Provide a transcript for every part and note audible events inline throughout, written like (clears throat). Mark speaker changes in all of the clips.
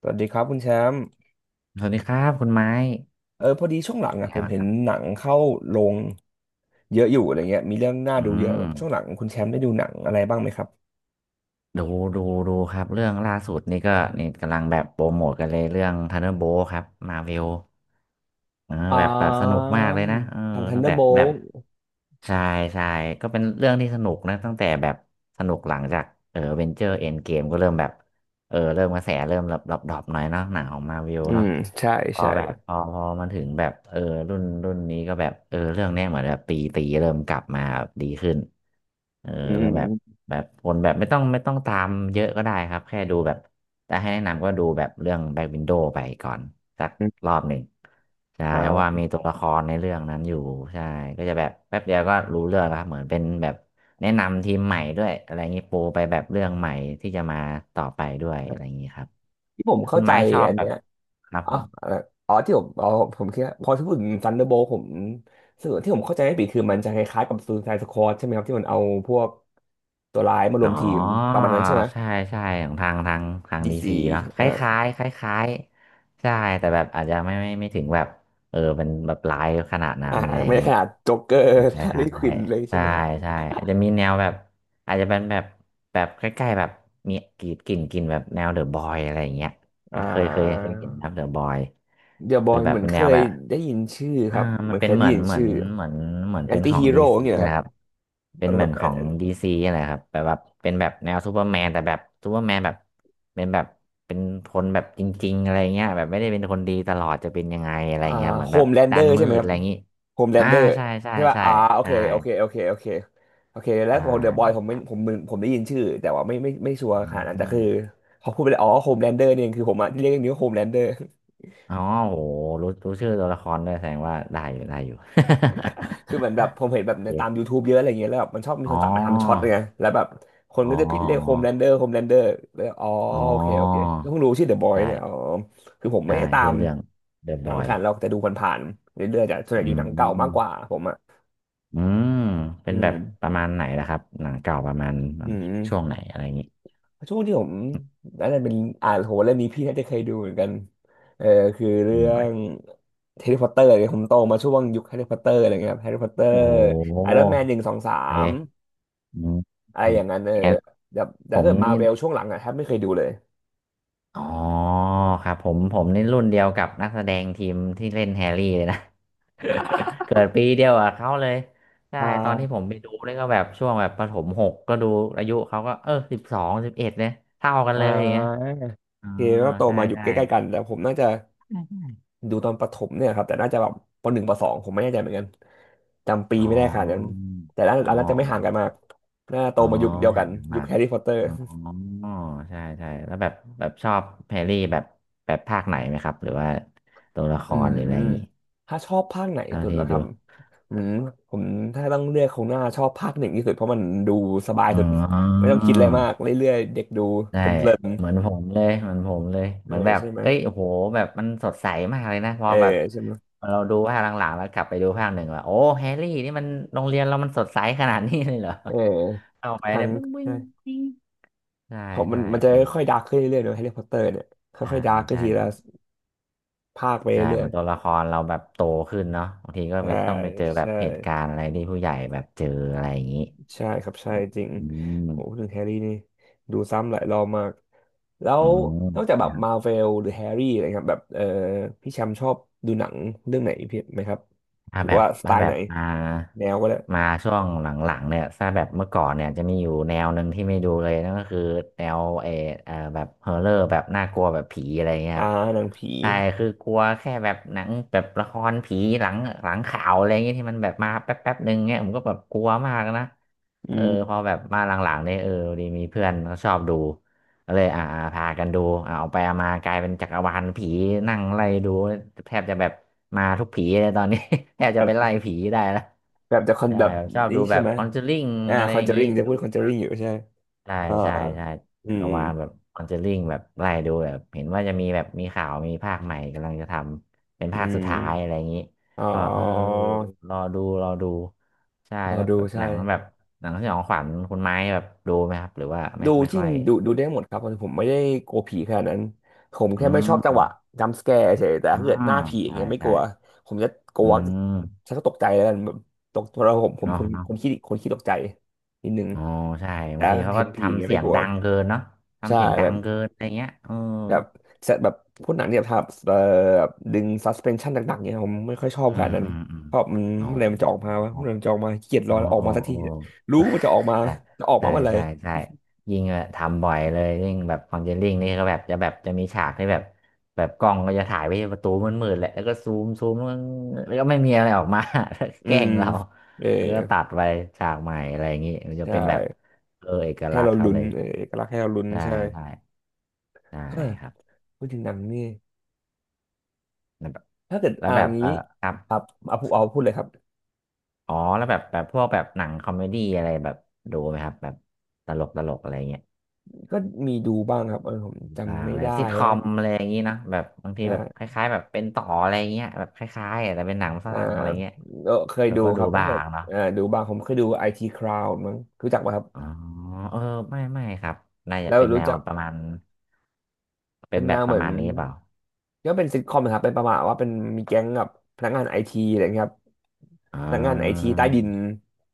Speaker 1: สวัสดีครับคุณแชมป์
Speaker 2: สวัสดีครับคุณไม้
Speaker 1: พอดีช่วงหลัง
Speaker 2: เป็
Speaker 1: อ่ะ
Speaker 2: นไง
Speaker 1: ผม
Speaker 2: บ้าง
Speaker 1: เห็
Speaker 2: ค
Speaker 1: น
Speaker 2: รับ
Speaker 1: หนังเข้าโรงเยอะอยู่อะไรเงี้ยมีเรื่องน่า
Speaker 2: อื
Speaker 1: ดูเยอะแบ
Speaker 2: ม
Speaker 1: บช่วงหลังคุณแชมป์ได้ดูหนังอะไรบ้างไหมครับ
Speaker 2: ดูดูดูครับเรื่องล่าสุดนี่ก็นี่กำลังแบบโปรโมทกันเลยเรื่องทันเดอร์โบครับมาเวลเออ
Speaker 1: อ่า
Speaker 2: แบบแบบสนุกมากเลยนะเออ
Speaker 1: ทัน
Speaker 2: ตั้ง
Speaker 1: เดอ
Speaker 2: แต่
Speaker 1: ร์โบ
Speaker 2: แบ
Speaker 1: ล
Speaker 2: บใช่ใช่ก็เป็นเรื่องที่สนุกนะตั้งแต่แบบสนุกหลังจากเออเวนเจอร์เอ็นเกมก็เริ่มแบบเริ่มกระแสเริ่มดรอปดรอปหน่อยเนาะหนังของมาเวล
Speaker 1: อื
Speaker 2: เนาะ
Speaker 1: มใช่
Speaker 2: พอ
Speaker 1: ใช่
Speaker 2: แบบพอมันถึงแบบรุ่นรุ่นนี้ก็แบบเรื่องเนี้ยเหมือนแบบตีตีเริ่มกลับมาแบบดีขึ้นเออ
Speaker 1: อื
Speaker 2: เริ่มแบบ
Speaker 1: ม
Speaker 2: แบบคนแบบไม่ต้องตามเยอะก็ได้ครับแค่ดูแบบแต่ให้แนะนำก็ดูแบบเรื่องแบ็ k วินโด w ไปก่อนสัก
Speaker 1: อื
Speaker 2: ร
Speaker 1: ม
Speaker 2: อบหนึ่งใช่เพราะว่า
Speaker 1: อ่า
Speaker 2: มีตัวละครในเรื่องนั้นอยู่ใช่ก็จะแบบแป๊บเดียวก็รู้เรื่องแล้วครับเหมือนเป็นแบบแนะนำทีมใหม่ด้วยอะไรอย่างนี้ปูไปแบบเรื่องใหม่ที่จะมาต่อไปด้วยอะไรอย่างนี้ครับ
Speaker 1: ที่ผม
Speaker 2: คุ
Speaker 1: เข้า
Speaker 2: ณ
Speaker 1: ใจ
Speaker 2: ไม้ชอบ
Speaker 1: อัน
Speaker 2: แบ
Speaker 1: เนี้
Speaker 2: บ
Speaker 1: ย
Speaker 2: ครับ
Speaker 1: อ๋อ
Speaker 2: ผม
Speaker 1: เอ่ออ๋อที่ผมอ๋อผมคิดว่าพอที่พูดถึงทันเดอร์โบลผมสวนที่ผมเข้าใจไม่ผิดคือมันจะคล้ายๆกับซูไซด์สควอดใช่ไหมครับที่มันเอาพวกตัวร้ายมาร
Speaker 2: อ๋
Speaker 1: ว
Speaker 2: อ
Speaker 1: มทีมประมาณนั้นใช่ไหม
Speaker 2: ใช่ใช่ของทาง
Speaker 1: ดี
Speaker 2: ดี
Speaker 1: ซี
Speaker 2: ซีเนาะค
Speaker 1: อ่า
Speaker 2: ล้ายๆคล้ายๆใช่แต่แบบอาจจะไม่ถึงแบบเป็นแบบไลฟ์ขนาดนั้น
Speaker 1: อ่า
Speaker 2: อะไรอ
Speaker 1: ไม่
Speaker 2: ย่าง
Speaker 1: ได้
Speaker 2: นี้
Speaker 1: ขนาดโจ๊กเกอร์ (laughs)
Speaker 2: ใช่
Speaker 1: ฮา
Speaker 2: ค
Speaker 1: ร์ลี
Speaker 2: ล้า
Speaker 1: ควินเลยใช่
Speaker 2: ใช่
Speaker 1: ไหมครับ
Speaker 2: ใช่อาจจะมีแนวแบบอาจจะเป็นแบบแบบใกล้ๆแบบมีกรีดกลิ่นกลิ่นแบบแนวเดอะบอยอะไรอย่างเงี้ย
Speaker 1: อ่า
Speaker 2: เคยเห็นครับเดอะบอย
Speaker 1: เดอะบ
Speaker 2: ห
Speaker 1: อ
Speaker 2: รือ
Speaker 1: ย
Speaker 2: แบ
Speaker 1: เห
Speaker 2: บ
Speaker 1: มือน
Speaker 2: เป็น
Speaker 1: เค
Speaker 2: แนว
Speaker 1: ย
Speaker 2: แบบ
Speaker 1: ได้ยินชื่อค
Speaker 2: อ่า
Speaker 1: รับเห
Speaker 2: มั
Speaker 1: มื
Speaker 2: น
Speaker 1: อน
Speaker 2: เป็
Speaker 1: เค
Speaker 2: น
Speaker 1: ยได้ยินชื่อ
Speaker 2: เหมือนเหมือน
Speaker 1: แอ
Speaker 2: เป็
Speaker 1: น
Speaker 2: น
Speaker 1: ตี้
Speaker 2: ของ
Speaker 1: ฮี
Speaker 2: ดี
Speaker 1: โร่อ
Speaker 2: ซี
Speaker 1: ย่างเงี้ยเหรอครั
Speaker 2: นะ
Speaker 1: บ
Speaker 2: ครับเป็
Speaker 1: อา
Speaker 2: น
Speaker 1: รม
Speaker 2: เห
Speaker 1: ณ์
Speaker 2: มื
Speaker 1: แบ
Speaker 2: อน
Speaker 1: บแอ
Speaker 2: ขอ
Speaker 1: น
Speaker 2: ง
Speaker 1: แอน
Speaker 2: ดีซีอะไรครับแบบแบบเป็นแบบแนวซูเปอร์แมนแต่แบบซูเปอร์แมนแบบเป็นแบบเป็นคนแบบจริงๆอะไรเงี้ยแบบไม่ได้เป็นคนดีตลอดจะเป็นยังไงอะไร
Speaker 1: อ่า
Speaker 2: เงี้ยเหมือน
Speaker 1: โฮ
Speaker 2: แบบ
Speaker 1: มแลนเด
Speaker 2: ด้า
Speaker 1: อ
Speaker 2: น
Speaker 1: ร์ใช่
Speaker 2: มื
Speaker 1: ไหม
Speaker 2: ด
Speaker 1: ค
Speaker 2: อะ
Speaker 1: รับ
Speaker 2: ไรอย่างงี้
Speaker 1: โฮมแล
Speaker 2: อ่า
Speaker 1: นเดอร์
Speaker 2: ใช่ใช่
Speaker 1: ใช่ป่ะ
Speaker 2: ใช่
Speaker 1: อ่าโอเค
Speaker 2: ใช่
Speaker 1: โอเคโอเคโอเคโอเคแล้ว
Speaker 2: ใช่
Speaker 1: ของเดอะบอยผม
Speaker 2: ค
Speaker 1: ไม่
Speaker 2: รับ
Speaker 1: ผมมึนผมได้ยินชื่อแต่ว่าไม่ชัวร์
Speaker 2: อื
Speaker 1: ขนาดนั้นแต่
Speaker 2: ม
Speaker 1: คือเขาพูดไปเลยอ๋อโฮมแลนเดอร์เนี่ยคือผมอะเรียกอย่างนี้ว่าโฮมแลนเดอร์
Speaker 2: อ๋อโหรู้ชื่อตัวละครด้วยแสดงว่าได้อยู่ได้อยู่
Speaker 1: คือเหมือนแบบผมเห็นแบ
Speaker 2: (laughs)
Speaker 1: บ
Speaker 2: โอ
Speaker 1: ในตาม
Speaker 2: เค
Speaker 1: YouTube เยอะอะไรเงี้ยแล้วแบบมันชอบมี
Speaker 2: อ๋
Speaker 1: ค
Speaker 2: อ
Speaker 1: นตัดมาทำช็อตเลยไงแล้วแบบคน
Speaker 2: อ๋อ
Speaker 1: ก็จะพิดเรีย
Speaker 2: อ๋อ
Speaker 1: กโฮมแลนเดอร์โฮมแลนเดอร์แล้วอ๋อ
Speaker 2: อ๋อ
Speaker 1: โอเคโอเคก็เพิ่งรู้ชื่อเดอะบอย
Speaker 2: ได้
Speaker 1: เนี่ยอ๋อคือผมไม่
Speaker 2: ได้
Speaker 1: ได้ตา
Speaker 2: ชื่
Speaker 1: ม
Speaker 2: อเรื่อง The
Speaker 1: หนัง
Speaker 2: Boy
Speaker 1: ขนาดเราแต่ดูผ่านๆเรื่อยๆแต่ส่วนให
Speaker 2: อื
Speaker 1: ญ่ดูหนังเก่ามากก
Speaker 2: ม
Speaker 1: ว่าผมอ่ะ
Speaker 2: อืมเป็
Speaker 1: อื
Speaker 2: นแบ
Speaker 1: ม
Speaker 2: บประมาณไหนล่ะครับหนังเก่าประมาณ
Speaker 1: อื
Speaker 2: ช่วง
Speaker 1: ม
Speaker 2: ไหนอะไรอย่างงี้
Speaker 1: ช่วงที่ผมนั่นนะเป็นอ่านโหเรื่องนี้พี่น่าจะเคยดูเหมือนกันเออคือเรื่
Speaker 2: อื
Speaker 1: อง
Speaker 2: ม
Speaker 1: แฮร์รี่พอตเตอร์เนี่ยผมโตมาช่วงยุคแฮร์รี่พอตเตอร์อะไรเงี้ยครับแฮร์รี่พอตเตอ
Speaker 2: โอ้
Speaker 1: ร์
Speaker 2: โห
Speaker 1: ไอรอนแมนหนึ่งสองสาม
Speaker 2: เอ๊ะอืม
Speaker 1: อะไร
Speaker 2: อื
Speaker 1: อ
Speaker 2: ม
Speaker 1: ย่างนั้น
Speaker 2: แอน
Speaker 1: แบบ
Speaker 2: ผ
Speaker 1: แต่ถ้า
Speaker 2: ม
Speaker 1: เกิดมา
Speaker 2: นี่
Speaker 1: เวลช่วงหลังอะแทบไม่เคยดูเลย
Speaker 2: อ๋อครับผมนี่รุ่นเดียวกับนักแสดงทีมที่เล่นแฮร์รี่เลยนะ (laughs) เกิดปีเดียวกับเขาเลยใช่
Speaker 1: อ่
Speaker 2: ตอนที่
Speaker 1: า
Speaker 2: ผมไปดูนี่ก็แบบช่วงแบบประถมหกก็ดูอายุเขาก็1211เนี่ยเท่ากัน
Speaker 1: อ่
Speaker 2: เลยอย่างเงี้ย
Speaker 1: าโอ
Speaker 2: อ๋อ
Speaker 1: เคก็โต
Speaker 2: ใช่
Speaker 1: มาอยู่
Speaker 2: ใช่
Speaker 1: ใกล้ๆกันแต่ผมน่าจะดูตอนประถมเนี่ยครับแต่น่าจะแบบปหนึ่งปสองผมไม่แน่ใจเหมือนกันจำปี
Speaker 2: อ๋
Speaker 1: ไม่ได้ขนาดนั้น
Speaker 2: อ
Speaker 1: แต่น่า
Speaker 2: อ๋อ
Speaker 1: อันน่าจะไม่ห่างกันมากน่าโต
Speaker 2: อ๋อ
Speaker 1: มายุคเดียวกั
Speaker 2: หาง
Speaker 1: น
Speaker 2: มันห
Speaker 1: ยุค
Speaker 2: มาก
Speaker 1: แฮร์รี่พอตเตอร์
Speaker 2: อ๋อใช่ใช่แล้วแบบแบบชอบแฮร์รี่แบบแบบภาคไหนไหมครับหรือว่าตัวละค
Speaker 1: อื
Speaker 2: ร
Speaker 1: ม
Speaker 2: หรืออะไรอย่างงี้
Speaker 1: ถ้าชอบภาคไหน
Speaker 2: เท่า
Speaker 1: สุดเห
Speaker 2: ที่
Speaker 1: รอค
Speaker 2: ดู
Speaker 1: รับอืมผมถ้าต้องเลือกคงน่าชอบภาคหนึ่งที่สุดเพราะมันดูสบาย
Speaker 2: อ๋
Speaker 1: สุดไม่
Speaker 2: อ
Speaker 1: ต้องคิดอะไรมากเรื่อยๆเด็กดู
Speaker 2: ได้
Speaker 1: เพลิน
Speaker 2: เหมือนผมเลยเหมือนผมเลย
Speaker 1: ๆเอ
Speaker 2: เห
Speaker 1: อ
Speaker 2: มือนแบบ
Speaker 1: ใช่ไหม
Speaker 2: เอ้ยโอ้โหแบบมันสดใสมากเลยนะพอ
Speaker 1: เออ
Speaker 2: แบบ
Speaker 1: ใช่ไหม
Speaker 2: พอเราดูภาคหลังๆแล้วกลับไปดูภาคหนึ่งว่าโอ้แฮร์รี่นี่มันโรงเรียนเรามันสดใสขนาดนี้เลยเหรอ
Speaker 1: อ
Speaker 2: เอาไป
Speaker 1: ทั
Speaker 2: เนี่
Speaker 1: น
Speaker 2: ยบึ้งบึ้ง
Speaker 1: ใช่
Speaker 2: บิ้งใช่
Speaker 1: ผมมั
Speaker 2: ใช่
Speaker 1: นมันจะ
Speaker 2: อ่า
Speaker 1: ค่อยๆดาร์กขึ้นเรื่อยๆเนอะแฮร์รี่พอตเตอร์เนี่ย
Speaker 2: ใช่
Speaker 1: ค่อยๆดาร์กขึ้น
Speaker 2: ใช่
Speaker 1: ที
Speaker 2: เหมื
Speaker 1: ละ
Speaker 2: อน
Speaker 1: ภาคไป
Speaker 2: ใช่
Speaker 1: เรื่
Speaker 2: เห
Speaker 1: อ
Speaker 2: มือ
Speaker 1: ย
Speaker 2: นตัวละครเราแบบโตขึ้นเนาะบางทีก็
Speaker 1: ๆใช่
Speaker 2: ไปต้องไปเจอแบบ
Speaker 1: ใช่
Speaker 2: เหตุการณ์อะไรที่ผู้ใหญ่แบบเจออะไรอย่างนี้
Speaker 1: ใช่ครับใช่จริง
Speaker 2: อืม
Speaker 1: โหพูดถึงแฮร์รี่นี่ดูซ้ำหลายรอบมากแล้
Speaker 2: อื
Speaker 1: วนอกจาก
Speaker 2: ม
Speaker 1: แบบมาเวลหรือแฮร์รี่อะไรครับแบบพี่แชมป์ชอบดูหนังเรื่องไหนพี่ไหมครับ
Speaker 2: ถ้า
Speaker 1: หรือ
Speaker 2: แบบ
Speaker 1: ว่าสไต
Speaker 2: ถ้า
Speaker 1: ล์
Speaker 2: แบ
Speaker 1: ไหน
Speaker 2: บมา
Speaker 1: แนวก็ได้
Speaker 2: ช่วงหลังๆเนี่ยถ้าแบบเมื่อก่อนเนี่ยจะมีอยู่แนวหนึ่งที่ไม่ดูเลยนั่นก็คือแนวแบบฮอร์เรอร์แบบน่ากลัวแบบผีอะไรเงี้ยค
Speaker 1: อ่า
Speaker 2: รับ
Speaker 1: หนังผี
Speaker 2: ใช่คือกลัวแค่แบบหนังแบบละครผีหลังข่าวอะไรเงี้ยที่มันแบบมาแป๊บแป๊บหนึ่งเงี้ยผมก็แบบกลัวมากนะ
Speaker 1: อื
Speaker 2: เออพ
Speaker 1: ม
Speaker 2: อแบบมาหลังๆเนี่ยเออพอดีมีเพื่อนเขาชอบดู ก็เลยพากันดูอ่าออกไปเอามากลายเป็นจักรวาลผีนั่งไล่ดูแทบจะแบบมาทุกผีเลยตอนนี้ (laughs) แทบจะ
Speaker 1: แบ
Speaker 2: ไป
Speaker 1: บ
Speaker 2: ไล่ผีได้แล้ว
Speaker 1: แบบจะคอน
Speaker 2: ใช่
Speaker 1: แบบ
Speaker 2: แบบชอบ
Speaker 1: นี้
Speaker 2: ดูแบ
Speaker 1: ใช่
Speaker 2: บ
Speaker 1: ไหม
Speaker 2: คอนเจอริง
Speaker 1: อ่า
Speaker 2: อะไร
Speaker 1: คอ
Speaker 2: อ
Speaker 1: น
Speaker 2: ย่า
Speaker 1: เจ
Speaker 2: ง
Speaker 1: อ
Speaker 2: นี้
Speaker 1: ริงจะ
Speaker 2: ดู
Speaker 1: พูดคอนเจอริงอยู่ใช่
Speaker 2: ใช่
Speaker 1: เอ่อ
Speaker 2: ใช่ใช่
Speaker 1: อื
Speaker 2: จัก
Speaker 1: ม
Speaker 2: รวาลแบบคอนเจอริงแบบไล่ดูแบบเห็นว่าจะมีแบบมีข่าวมีภาคใหม่กำลังจะทำเป็น
Speaker 1: อื
Speaker 2: ภาคสุดท้ายอะไร
Speaker 1: ม
Speaker 2: อย่างนี้
Speaker 1: อ๋อ
Speaker 2: ก็เออรอดูรอดูใช่
Speaker 1: รอ
Speaker 2: แล้ว
Speaker 1: ดู
Speaker 2: แบบห
Speaker 1: ใช่
Speaker 2: นังแบบหนังสยองขวัญคุณไม้แบบดูไหมครับหรือว่าไม่
Speaker 1: ดู
Speaker 2: ไม่
Speaker 1: จริ
Speaker 2: ค่
Speaker 1: ง
Speaker 2: อย
Speaker 1: ดูได้หมดครับผมไม่ได้กลัวผีขนาดนั้นผม
Speaker 2: อื
Speaker 1: แค่ไม่ชอบจังหวะ
Speaker 2: ม
Speaker 1: จัมป์สแกร์เฉยแต่
Speaker 2: อ่า
Speaker 1: ถ้าเกิดหน้าผีอย่าง
Speaker 2: ใช่
Speaker 1: เงี้ยไม่ก
Speaker 2: ใช่
Speaker 1: ลัวผมจะกลั
Speaker 2: อื
Speaker 1: ว
Speaker 2: ม
Speaker 1: ฉันก็ตกใจแล้วกันแบบตกเพราผม
Speaker 2: เนาะเนาะ
Speaker 1: คนขี้ขี้ตกใจนิดนึง
Speaker 2: อ๋อใช่
Speaker 1: แต่
Speaker 2: บางทีเขา
Speaker 1: เห็
Speaker 2: ก็
Speaker 1: นผีอย่าง
Speaker 2: ทำ
Speaker 1: เงี้ย
Speaker 2: เสี
Speaker 1: ไม่
Speaker 2: ยง
Speaker 1: กลัว
Speaker 2: ดังเกินเนาะ
Speaker 1: ใช่
Speaker 2: ทำเสียงดั
Speaker 1: แบ
Speaker 2: ง
Speaker 1: บ
Speaker 2: เกินอะไรเงี้ยเออ
Speaker 1: แบบเซตแบบพวกหนังที่แบบทำแบบดึงซัสเพนชั่นหนักๆเนี่ยผมไม่ค่อยชอบ
Speaker 2: อื
Speaker 1: ขนา
Speaker 2: ม
Speaker 1: ดนั้น
Speaker 2: อืมอืม
Speaker 1: เพราะมัน
Speaker 2: อ๋อ
Speaker 1: เมื่อไหรมันจะออกมาวะเมื่อไหรมันจะออกมาเกลียดร
Speaker 2: อ๋อ
Speaker 1: อออก
Speaker 2: อ๋อ
Speaker 1: มาสักที
Speaker 2: อ๋อ
Speaker 1: เนี่ยรู้
Speaker 2: เออ
Speaker 1: ว่ามันจะออกมา
Speaker 2: (laughs)
Speaker 1: จะออกมา
Speaker 2: ใช่
Speaker 1: เมื่อไหร่
Speaker 2: ใช่ใช่ใช่ยิ่งทำบ่อยเลยยิ่งแบบคอนเจลลิ่งนี่ก็แบบจะแบบจะมีฉากที่แบบแบบกล้องก็จะถ่ายไปที่ประตูมืดๆแหละแล้วก็ซูมแล้วก็ไม่มีอะไรออกมา (laughs) แล้วก็
Speaker 1: อื
Speaker 2: แกล้
Speaker 1: ม
Speaker 2: งเรา
Speaker 1: เออ
Speaker 2: แล้วก็ตัดไปฉากใหม่อะไรอย่างงี้มันจะ
Speaker 1: ใช่
Speaker 2: เป็นแบบเออเอก
Speaker 1: ให้
Speaker 2: ลักษ
Speaker 1: เรา
Speaker 2: ณ์เขา
Speaker 1: ลุ้น
Speaker 2: เลย
Speaker 1: เออเอกลักษณ์ให้เราลุ้น
Speaker 2: ใช่
Speaker 1: ใช่
Speaker 2: ใช่ใช่
Speaker 1: เฮ้ย
Speaker 2: ครับ
Speaker 1: พูดถึงหนังนี่
Speaker 2: แล้วแบบ
Speaker 1: ถ้าเกิด
Speaker 2: แล้ว
Speaker 1: อ่า
Speaker 2: แบ
Speaker 1: น
Speaker 2: บเออ
Speaker 1: งี้
Speaker 2: ครับ
Speaker 1: ครับเอาพูดเลยครับ
Speaker 2: อ๋อแล้วแบบแบบพวกแบบหนังคอมเมดี้อะไรแบบดูไหมครับแบบตลกตลกอะไรเงี้ย
Speaker 1: ก็มีดูบ้างครับผม
Speaker 2: บ้า
Speaker 1: จำ
Speaker 2: ง
Speaker 1: ไม่
Speaker 2: แบบ
Speaker 1: ได้
Speaker 2: ซิทคอ
Speaker 1: ฮะ
Speaker 2: มอะไรอย่างนี้เนอะแบบบางที
Speaker 1: ใช่
Speaker 2: แบบคล้ายๆแบบเป็นต่ออะไรเงี้ยแบบคล้ายๆอะแต่เป็นหนังฝ
Speaker 1: อ่า
Speaker 2: รั่งอะไรเงี้ย
Speaker 1: เคย
Speaker 2: เรา
Speaker 1: ดู
Speaker 2: ก็
Speaker 1: ค
Speaker 2: ดู
Speaker 1: รับถ้า
Speaker 2: บ้า
Speaker 1: เกิด
Speaker 2: งเนาะ
Speaker 1: อ่าดูบ้างผมเคยดูไอทีคราวมั้งรู้จักป่ะครับ
Speaker 2: อ๋อเออไม่ไม่ครับน่าจะ
Speaker 1: แล้ว
Speaker 2: เป็นแน
Speaker 1: รู้
Speaker 2: ว
Speaker 1: จัก
Speaker 2: ประมาณเป็
Speaker 1: เป็
Speaker 2: น
Speaker 1: น
Speaker 2: แบ
Speaker 1: แน
Speaker 2: บ
Speaker 1: ว
Speaker 2: ป
Speaker 1: เห
Speaker 2: ระ
Speaker 1: มือน
Speaker 2: มาณนี้เปล่า
Speaker 1: ก็เป็นซิทคอมนะครับเป็นประมาณว่าเป็นมีแก๊งกับพนักงานไอทีอะไรเงี้ยครับ
Speaker 2: อ๋
Speaker 1: พนักงานไอที
Speaker 2: อ
Speaker 1: ใต้ดิน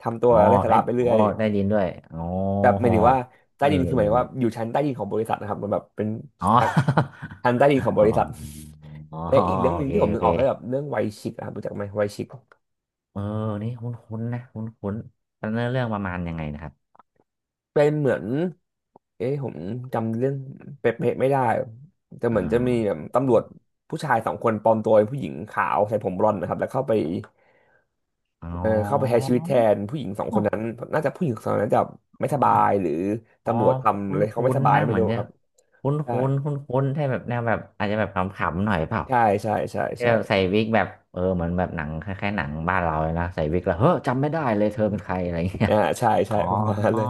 Speaker 1: ทำตัว
Speaker 2: อ๋อ
Speaker 1: ไร้สา
Speaker 2: ได้
Speaker 1: ระไปเรื่
Speaker 2: โอ้
Speaker 1: อย
Speaker 2: ได้ยินด้วยอ๋อ
Speaker 1: แบบหมายถึงว่าใต้
Speaker 2: เอ
Speaker 1: ดินคือหมายถึงว่า
Speaker 2: อ
Speaker 1: อยู่ชั้นใต้ดินของบริษัทนะครับมันแบบเป็น
Speaker 2: อ๋อ
Speaker 1: ชั้นใต้ดินของ
Speaker 2: (laughs)
Speaker 1: บ
Speaker 2: อ๋อ
Speaker 1: ริษัท
Speaker 2: อ๋อ
Speaker 1: (laughs) และอีกเรื่อง
Speaker 2: โอ
Speaker 1: หนึ่ง
Speaker 2: เค
Speaker 1: ที่ผม
Speaker 2: โอ
Speaker 1: นึก
Speaker 2: เค
Speaker 1: ออกก็แบบเรื่องไวชิกอะครับรู้จักไหมไวชิก
Speaker 2: เออนี่คุ้นๆนะคุ้นๆแล้วเนื้อเรื่องประมาณยังไงนะครับ
Speaker 1: เป็นเหมือนเอ๊ะผมจำเรื่องเป๊ะๆไม่ได้แต่เห
Speaker 2: อ๋
Speaker 1: มือนจะมีแบบ
Speaker 2: อ
Speaker 1: ตำรวจผู้ชายสองคนปลอมตัวเป็นผู้หญิงขาวใส่ผมบลอนด์นะครับแล้วเข้าไป
Speaker 2: อ๋อ
Speaker 1: เออเข้าไปใช้ชีวิตแทนผู้หญิงสองคนนั้นน่าจะผู้หญิงสองคนนั้นจะไม่สบายหรือ
Speaker 2: อ๋อ
Speaker 1: ตำรวจทำ
Speaker 2: คุ้
Speaker 1: เล
Speaker 2: น
Speaker 1: ยเขา
Speaker 2: คุ้
Speaker 1: ไม่
Speaker 2: น
Speaker 1: สบาย
Speaker 2: นะ
Speaker 1: ไม่
Speaker 2: เหมือ
Speaker 1: รู้
Speaker 2: นจะ
Speaker 1: ครับ
Speaker 2: คุ้น
Speaker 1: ใช่
Speaker 2: คุ้นคุ้นคุ้นๆใช่แบบแนวแบบอาจจะแบบขำๆหน่อยเปล่า
Speaker 1: ใช่ใช่ใช่
Speaker 2: ที่แบบใส่
Speaker 1: ใช่
Speaker 2: วิกแบบเออเหมือนแบบหนังคล้ายๆหนังบ้านเราเลยนะใส่วิกแล้วเฮ้อจำไม่ได้เลย
Speaker 1: อื
Speaker 2: เธอ
Speaker 1: ม
Speaker 2: เป็นใครอะไรเงี้ย
Speaker 1: ใช่ใช่
Speaker 2: อ๋อ
Speaker 1: (laughs) ประมาณนั้นเลย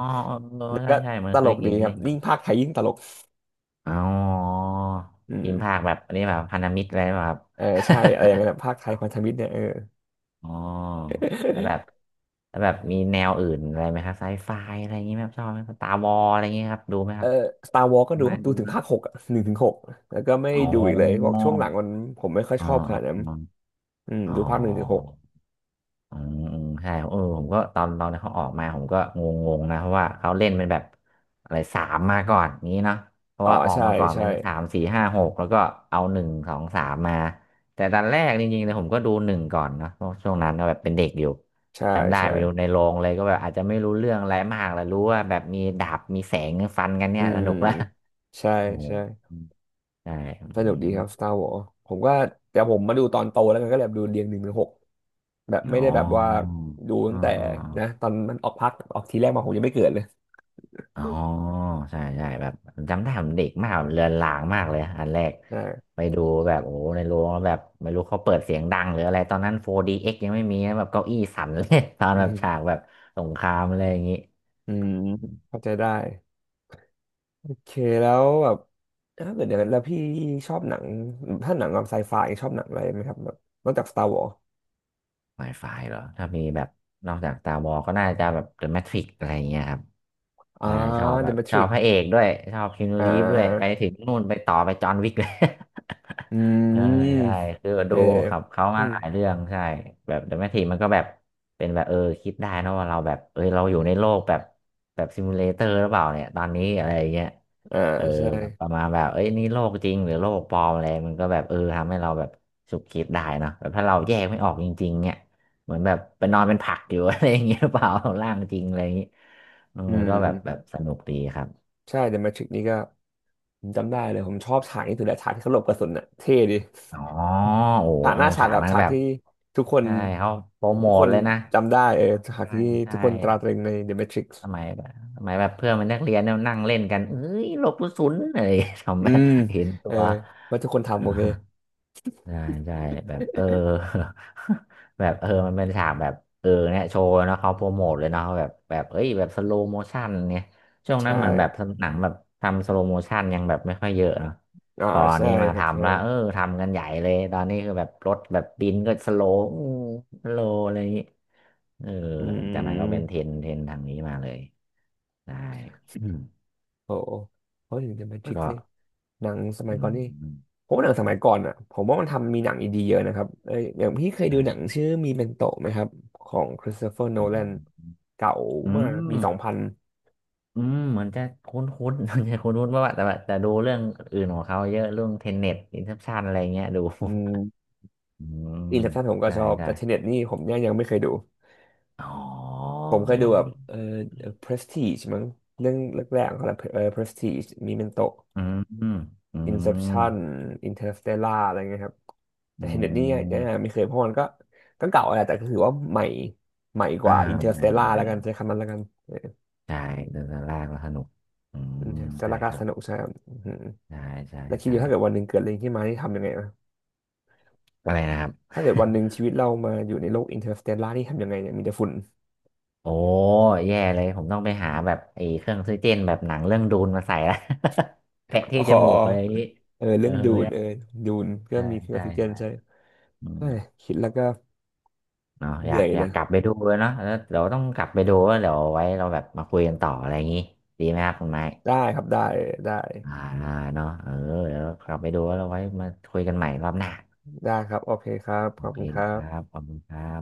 Speaker 2: เออ
Speaker 1: แล้ว
Speaker 2: ใช่
Speaker 1: ก็
Speaker 2: ใช่เหมือ
Speaker 1: ต
Speaker 2: นเค
Speaker 1: ล
Speaker 2: ย
Speaker 1: ก
Speaker 2: เห็
Speaker 1: ดี
Speaker 2: น
Speaker 1: ค
Speaker 2: เล
Speaker 1: รั
Speaker 2: ย
Speaker 1: บ
Speaker 2: เห็น
Speaker 1: ยิ่งภาคไทยยิ่งตลก
Speaker 2: อ๋อ
Speaker 1: อื
Speaker 2: ทีมภา
Speaker 1: ม
Speaker 2: คแบบอันนี้แบบพันธมิตรอะไรแบบ
Speaker 1: เออใช่อะไรอย่างเงี้ย
Speaker 2: (laughs)
Speaker 1: นะภาคไทยพันธมิตรเนี่ยเออ
Speaker 2: อ๋อแล้วแบบ
Speaker 1: (laughs)
Speaker 2: แล้วแบบมีแนวอื่นอะไรไหมครับไซไฟอะไรอย่างงี้ไหมครับชอบไหมสตาร์วอลอะไรอย่างงี้ครับดูไหมค
Speaker 1: เออ
Speaker 2: รับ
Speaker 1: สตาร์วอลก็ดู
Speaker 2: ไม่
Speaker 1: ครับดู
Speaker 2: ดู
Speaker 1: ถึง
Speaker 2: นะ
Speaker 1: ภาคหกอะหนึ่งถึงหกแล้วก็ไม่
Speaker 2: อ๋
Speaker 1: ดูอีกเลยบอก
Speaker 2: อ
Speaker 1: ช่วงหลังมันผมไม่ค่อย
Speaker 2: อ๋อ
Speaker 1: ชอบขนาดนั้น
Speaker 2: อ๋อ
Speaker 1: อืม
Speaker 2: อ๋อ
Speaker 1: ดูภาคหนึ่งถึงหก
Speaker 2: อืมอืมใช่เออผมก็ตอนเขาออกมาผมก็งงๆนะเพราะว่าเขาเล่นเป็นแบบอะไรสามมาก่อนอย่างนี้เนาะเพราะ
Speaker 1: อ๋อ
Speaker 2: ว่าออก
Speaker 1: ใช่
Speaker 2: มาก่อน
Speaker 1: ใช่
Speaker 2: เป็นสามสี่ห้าหกแล้วก็เอาหนึ่งสองสามมาแต่ตอนแรกจริงๆเลยผมก็ดูหนึ่งก่อนเนาะเพราะช่วงนั้นก็แบบเป็นเด็กอยู่
Speaker 1: ใช่
Speaker 2: จำได้
Speaker 1: ใช่
Speaker 2: ไปดูในโรงเลยก็แบบอาจจะไม่รู้เรื่องอะไรมากแล้วรู้ว่าแบบมีดาบมีแสงฟันกัน
Speaker 1: อื
Speaker 2: เนี่ยส
Speaker 1: ม
Speaker 2: นุกละ
Speaker 1: ใช่
Speaker 2: (laughs) โอ้
Speaker 1: ใช่
Speaker 2: ใช่อื
Speaker 1: สนุกดีครับ
Speaker 2: ม
Speaker 1: Star Wars ผมก็แต่ผมมาดูตอนโตแล้วกันก็เลยแบบดูเรียงหนึ่งถึงหกแบบไม่
Speaker 2: อ๋อ
Speaker 1: ได้แบบว่าดู
Speaker 2: อ๋
Speaker 1: ตั้งแต่นะ
Speaker 2: อ
Speaker 1: ตอนมันออกพักออกทีแรกมาผมยังไม่เกิดเลย
Speaker 2: อ๋อใช่ใช่แบบจำได้ผมเด็กมากเลือนลางมากเลยอันแรก
Speaker 1: อ่า
Speaker 2: ไปดูแบบโอ้ในโรงแล้วแบบไม่รู้เขาเปิดเสียงดังหรืออะไรตอนนั้น 4DX ยังไม่มีนะแบบเก้าอี้สั่นเลย (laughs) ตอน
Speaker 1: อื
Speaker 2: แบบฉาก
Speaker 1: ม
Speaker 2: แบบสงครามอะไรอย่างนี้
Speaker 1: อืมเข้าใจได้โอเคแล้วแบบถ้าเกิดเดี๋ยวแล้วพี่ชอบหนังถ้าหนังแบบไซไฟชอบหนังอะไรไหมครับแบบนอกจาก Star Wars
Speaker 2: Wi-Fi เหรอถ้ามีแบบนอกจากตาบอก็น่าจะแบบ The Matrix อะไรอย่างเงี้ยครับ
Speaker 1: อ่า
Speaker 2: ใช่ชอบแบ
Speaker 1: The
Speaker 2: บชอบ
Speaker 1: Matrix
Speaker 2: พระเอกด้วยชอบคีนู
Speaker 1: อ่
Speaker 2: รีฟด้วยไป
Speaker 1: า
Speaker 2: ถึงนู่นไปต่อไปจอห์นวิกเลย
Speaker 1: อื
Speaker 2: (laughs)
Speaker 1: ม
Speaker 2: ใช่ใช่คือ
Speaker 1: เอ
Speaker 2: ดู
Speaker 1: อ
Speaker 2: ครับเขา
Speaker 1: อื
Speaker 2: มา
Speaker 1: ม
Speaker 2: หลายเรื่องใช่แบบ The Matrix มันก็แบบเป็นแบบเออคิดได้นะว่าเราแบบเอยเราอยู่ในโลกแบบแบบซิมูเลเตอร์หรือเปล่าเนี่ยตอนนี้อะไรอย่างเงี้ย
Speaker 1: อ่า
Speaker 2: เออ
Speaker 1: ใช่
Speaker 2: แบบประมาณแบบเอ้ยนี่โลกจริงหรือโลกปลอมอะไรมันก็แบบเออทำให้เราแบบฉุกคิดได้เนอะแบบถ้าเราแยกไม่ออกจริงๆเนี่ย เหมือนแบบไปนอนเป็นผักอยู่ (laughs) อะไรอย่างเงี้ยหรือเปล่าร่างจริงอะไรอย่างงี้เออ
Speaker 1: อื
Speaker 2: ก็แบบแบ
Speaker 1: ม
Speaker 2: บสนุกดีครับ
Speaker 1: ใช่เดอะแมทริกนี่ก็ผมจำได้เลยผมชอบฉากนี้ถึงแต่ฉากที่เขาหลบกระสุนน่ะเท่ดี
Speaker 2: อ๋อโอ้โห
Speaker 1: ฉากห
Speaker 2: เอา
Speaker 1: น้าฉาก
Speaker 2: ฉาก
Speaker 1: กับ
Speaker 2: นั้น
Speaker 1: ฉาก
Speaker 2: แบบ
Speaker 1: ที่ทุกคน
Speaker 2: ใช่เขาโปรโม
Speaker 1: ทุกค
Speaker 2: ท
Speaker 1: น
Speaker 2: เลยนะ
Speaker 1: จำได้เออฉาก
Speaker 2: ใช่
Speaker 1: ที่
Speaker 2: ใช่
Speaker 1: ทุกคนตราตรึงใน The Matrix
Speaker 2: สมัยแบบสมัยแบบเพื่อนเป็นนักเรียนเนี่ยนั่งเล่นกันเอ้ยหลบกระสุนอะไร (laughs) ท
Speaker 1: อืม
Speaker 2: ำเห็นตั
Speaker 1: เออ
Speaker 2: ว
Speaker 1: ว่าทุกคนทำโอเค
Speaker 2: ใช่ใช่แบบเออ (laughs) แบบเออมันเป็นฉากแบบเออเนี่ยโชว์เนาะเขาโปรโมทเลยเนาะแบบแบบเอ้ยแบบสโลโมชันเนี่ยช่วงนั้
Speaker 1: ใช่
Speaker 2: นเหมือนแบบหนังแบบทำสโลโมชันยังแบบไม่ค่อยเยอะเนาะ
Speaker 1: อ่า
Speaker 2: พออัน
Speaker 1: ใช่
Speaker 2: นี้มา
Speaker 1: ครับ
Speaker 2: ทำ
Speaker 1: ใช่
Speaker 2: แล้วเออทำกันใหญ่เลยตอนนี้คือแบบรถแบบบินก็สโลว์อืมสโลว์อะไรอย่างงี้เออ
Speaker 1: อื
Speaker 2: หลังจากนั้นก็เป็นเทร
Speaker 1: ม
Speaker 2: นด์เทรนด์ทางนี้มาเลยได้ (clears throat) อืม
Speaker 1: โอ้โหเขาถึงจะเป็นทริก
Speaker 2: ก็
Speaker 1: ซี่หนังสมั
Speaker 2: อื
Speaker 1: ยก่อนนี่
Speaker 2: ม
Speaker 1: ผมว่าหนังสมัยก่อนอ่ะผมว่ามันทำมีหนังอีดีเยอะนะครับเอออย่างพี่เคยดูหนัง
Speaker 2: อา
Speaker 1: ชื่อมีเมนโตไหมครับของคริสโตเฟอร์โน
Speaker 2: อื
Speaker 1: แลน
Speaker 2: ม
Speaker 1: เก่า
Speaker 2: อื
Speaker 1: มากปี
Speaker 2: ม
Speaker 1: สองพัน
Speaker 2: อืมเหมือนจะคุ้นๆ (laughs) เหมือนจะคุ้นๆว่าแต่ดูเรื่องอื่นของเขาเยอะเรื่องเทนเน็ตอินเ p อชันอะไรเงี้ย (laughs) ดู
Speaker 1: อืม
Speaker 2: อืม
Speaker 1: อินเซปชั่นผมก็
Speaker 2: ใช่
Speaker 1: ชอบ
Speaker 2: ใช่
Speaker 1: แต่เทเน็ตนี่ผมเนี่ยยังไม่เคยดู
Speaker 2: อ๋อลอ
Speaker 1: ผ
Speaker 2: ง
Speaker 1: มเคยดู
Speaker 2: ลอง
Speaker 1: แบบ
Speaker 2: ดู
Speaker 1: เออ Prestige มั้งเรื่องแรกๆของเขาแหละเออ Prestige มีเมนโต
Speaker 2: อืมอืมอืม
Speaker 1: Inception Interstellar อะไรเงี้ยครับแต่
Speaker 2: อื
Speaker 1: Tenet นี่ยัง
Speaker 2: ม
Speaker 1: ไม่เคยเพราะมันก็ก็เก่าแหละแต่ก็ถือว่าใหม่ใหม่ก
Speaker 2: อ่า
Speaker 1: ว่า
Speaker 2: ไม่
Speaker 1: Interstellar
Speaker 2: ไม่
Speaker 1: แล้วกันใช้คำนั้นแล้วกัน
Speaker 2: ใช่เดินลากแล้วสนุกอืมใช่
Speaker 1: Interstellar ก็
Speaker 2: ครั
Speaker 1: ส
Speaker 2: บ
Speaker 1: นุกใช่ครับอือหือ
Speaker 2: ใช่ใช่
Speaker 1: แล้วคิดอ
Speaker 2: ใช่
Speaker 1: ยู่ถ้าเกิดวันหนึ่งเกิดอะไรขึ้นมาที่ทำยังไงนะ
Speaker 2: อะไรนะครับ
Speaker 1: ถ้าเกิดวั
Speaker 2: (laughs)
Speaker 1: นหนึ่งชีวิตเรามาอยู่ในโลก Interstellar ที่ทำยังไงเนี่ยมีแต่ฝุ่น
Speaker 2: โอ้แย่เลยผมต้องไปหาแบบไอ้เครื่องออกซิเจนแบบหนังเรื่องดูนมาใส่ละ (laughs) แปะ
Speaker 1: (laughs) อ๋
Speaker 2: ที่
Speaker 1: อ
Speaker 2: จมูกเลย
Speaker 1: เออ
Speaker 2: เออ
Speaker 1: เรื่องดูนเออดูนก็
Speaker 2: ใช่
Speaker 1: มีอ
Speaker 2: ใช
Speaker 1: อกซิเจน
Speaker 2: ่
Speaker 1: ใช่
Speaker 2: อื
Speaker 1: เฮ้ย
Speaker 2: ม
Speaker 1: คิดแล้วก็
Speaker 2: เนาะอ
Speaker 1: เห
Speaker 2: ยา
Speaker 1: นื่
Speaker 2: ก
Speaker 1: อย
Speaker 2: อ
Speaker 1: เล
Speaker 2: ยาก
Speaker 1: ย
Speaker 2: กลับไปดูเลยเนาะแล้วเดี๋ยวต้องกลับไปดูแล้วเดี๋ยวไว้เราแบบมาคุยกันต่ออะไรอย่างงี้ดีไหมครับคุณไม้
Speaker 1: ได้ครับได้ได้
Speaker 2: อ่าเนาะเออเดี๋ยวกลับไปดูแล้วเราไว้มาคุยกันใหม่รอบหน้า
Speaker 1: ได้ครับโอเคครับข
Speaker 2: โอ
Speaker 1: อบ
Speaker 2: เค
Speaker 1: คุณครั
Speaker 2: ค
Speaker 1: บ
Speaker 2: รับขอบคุณครับ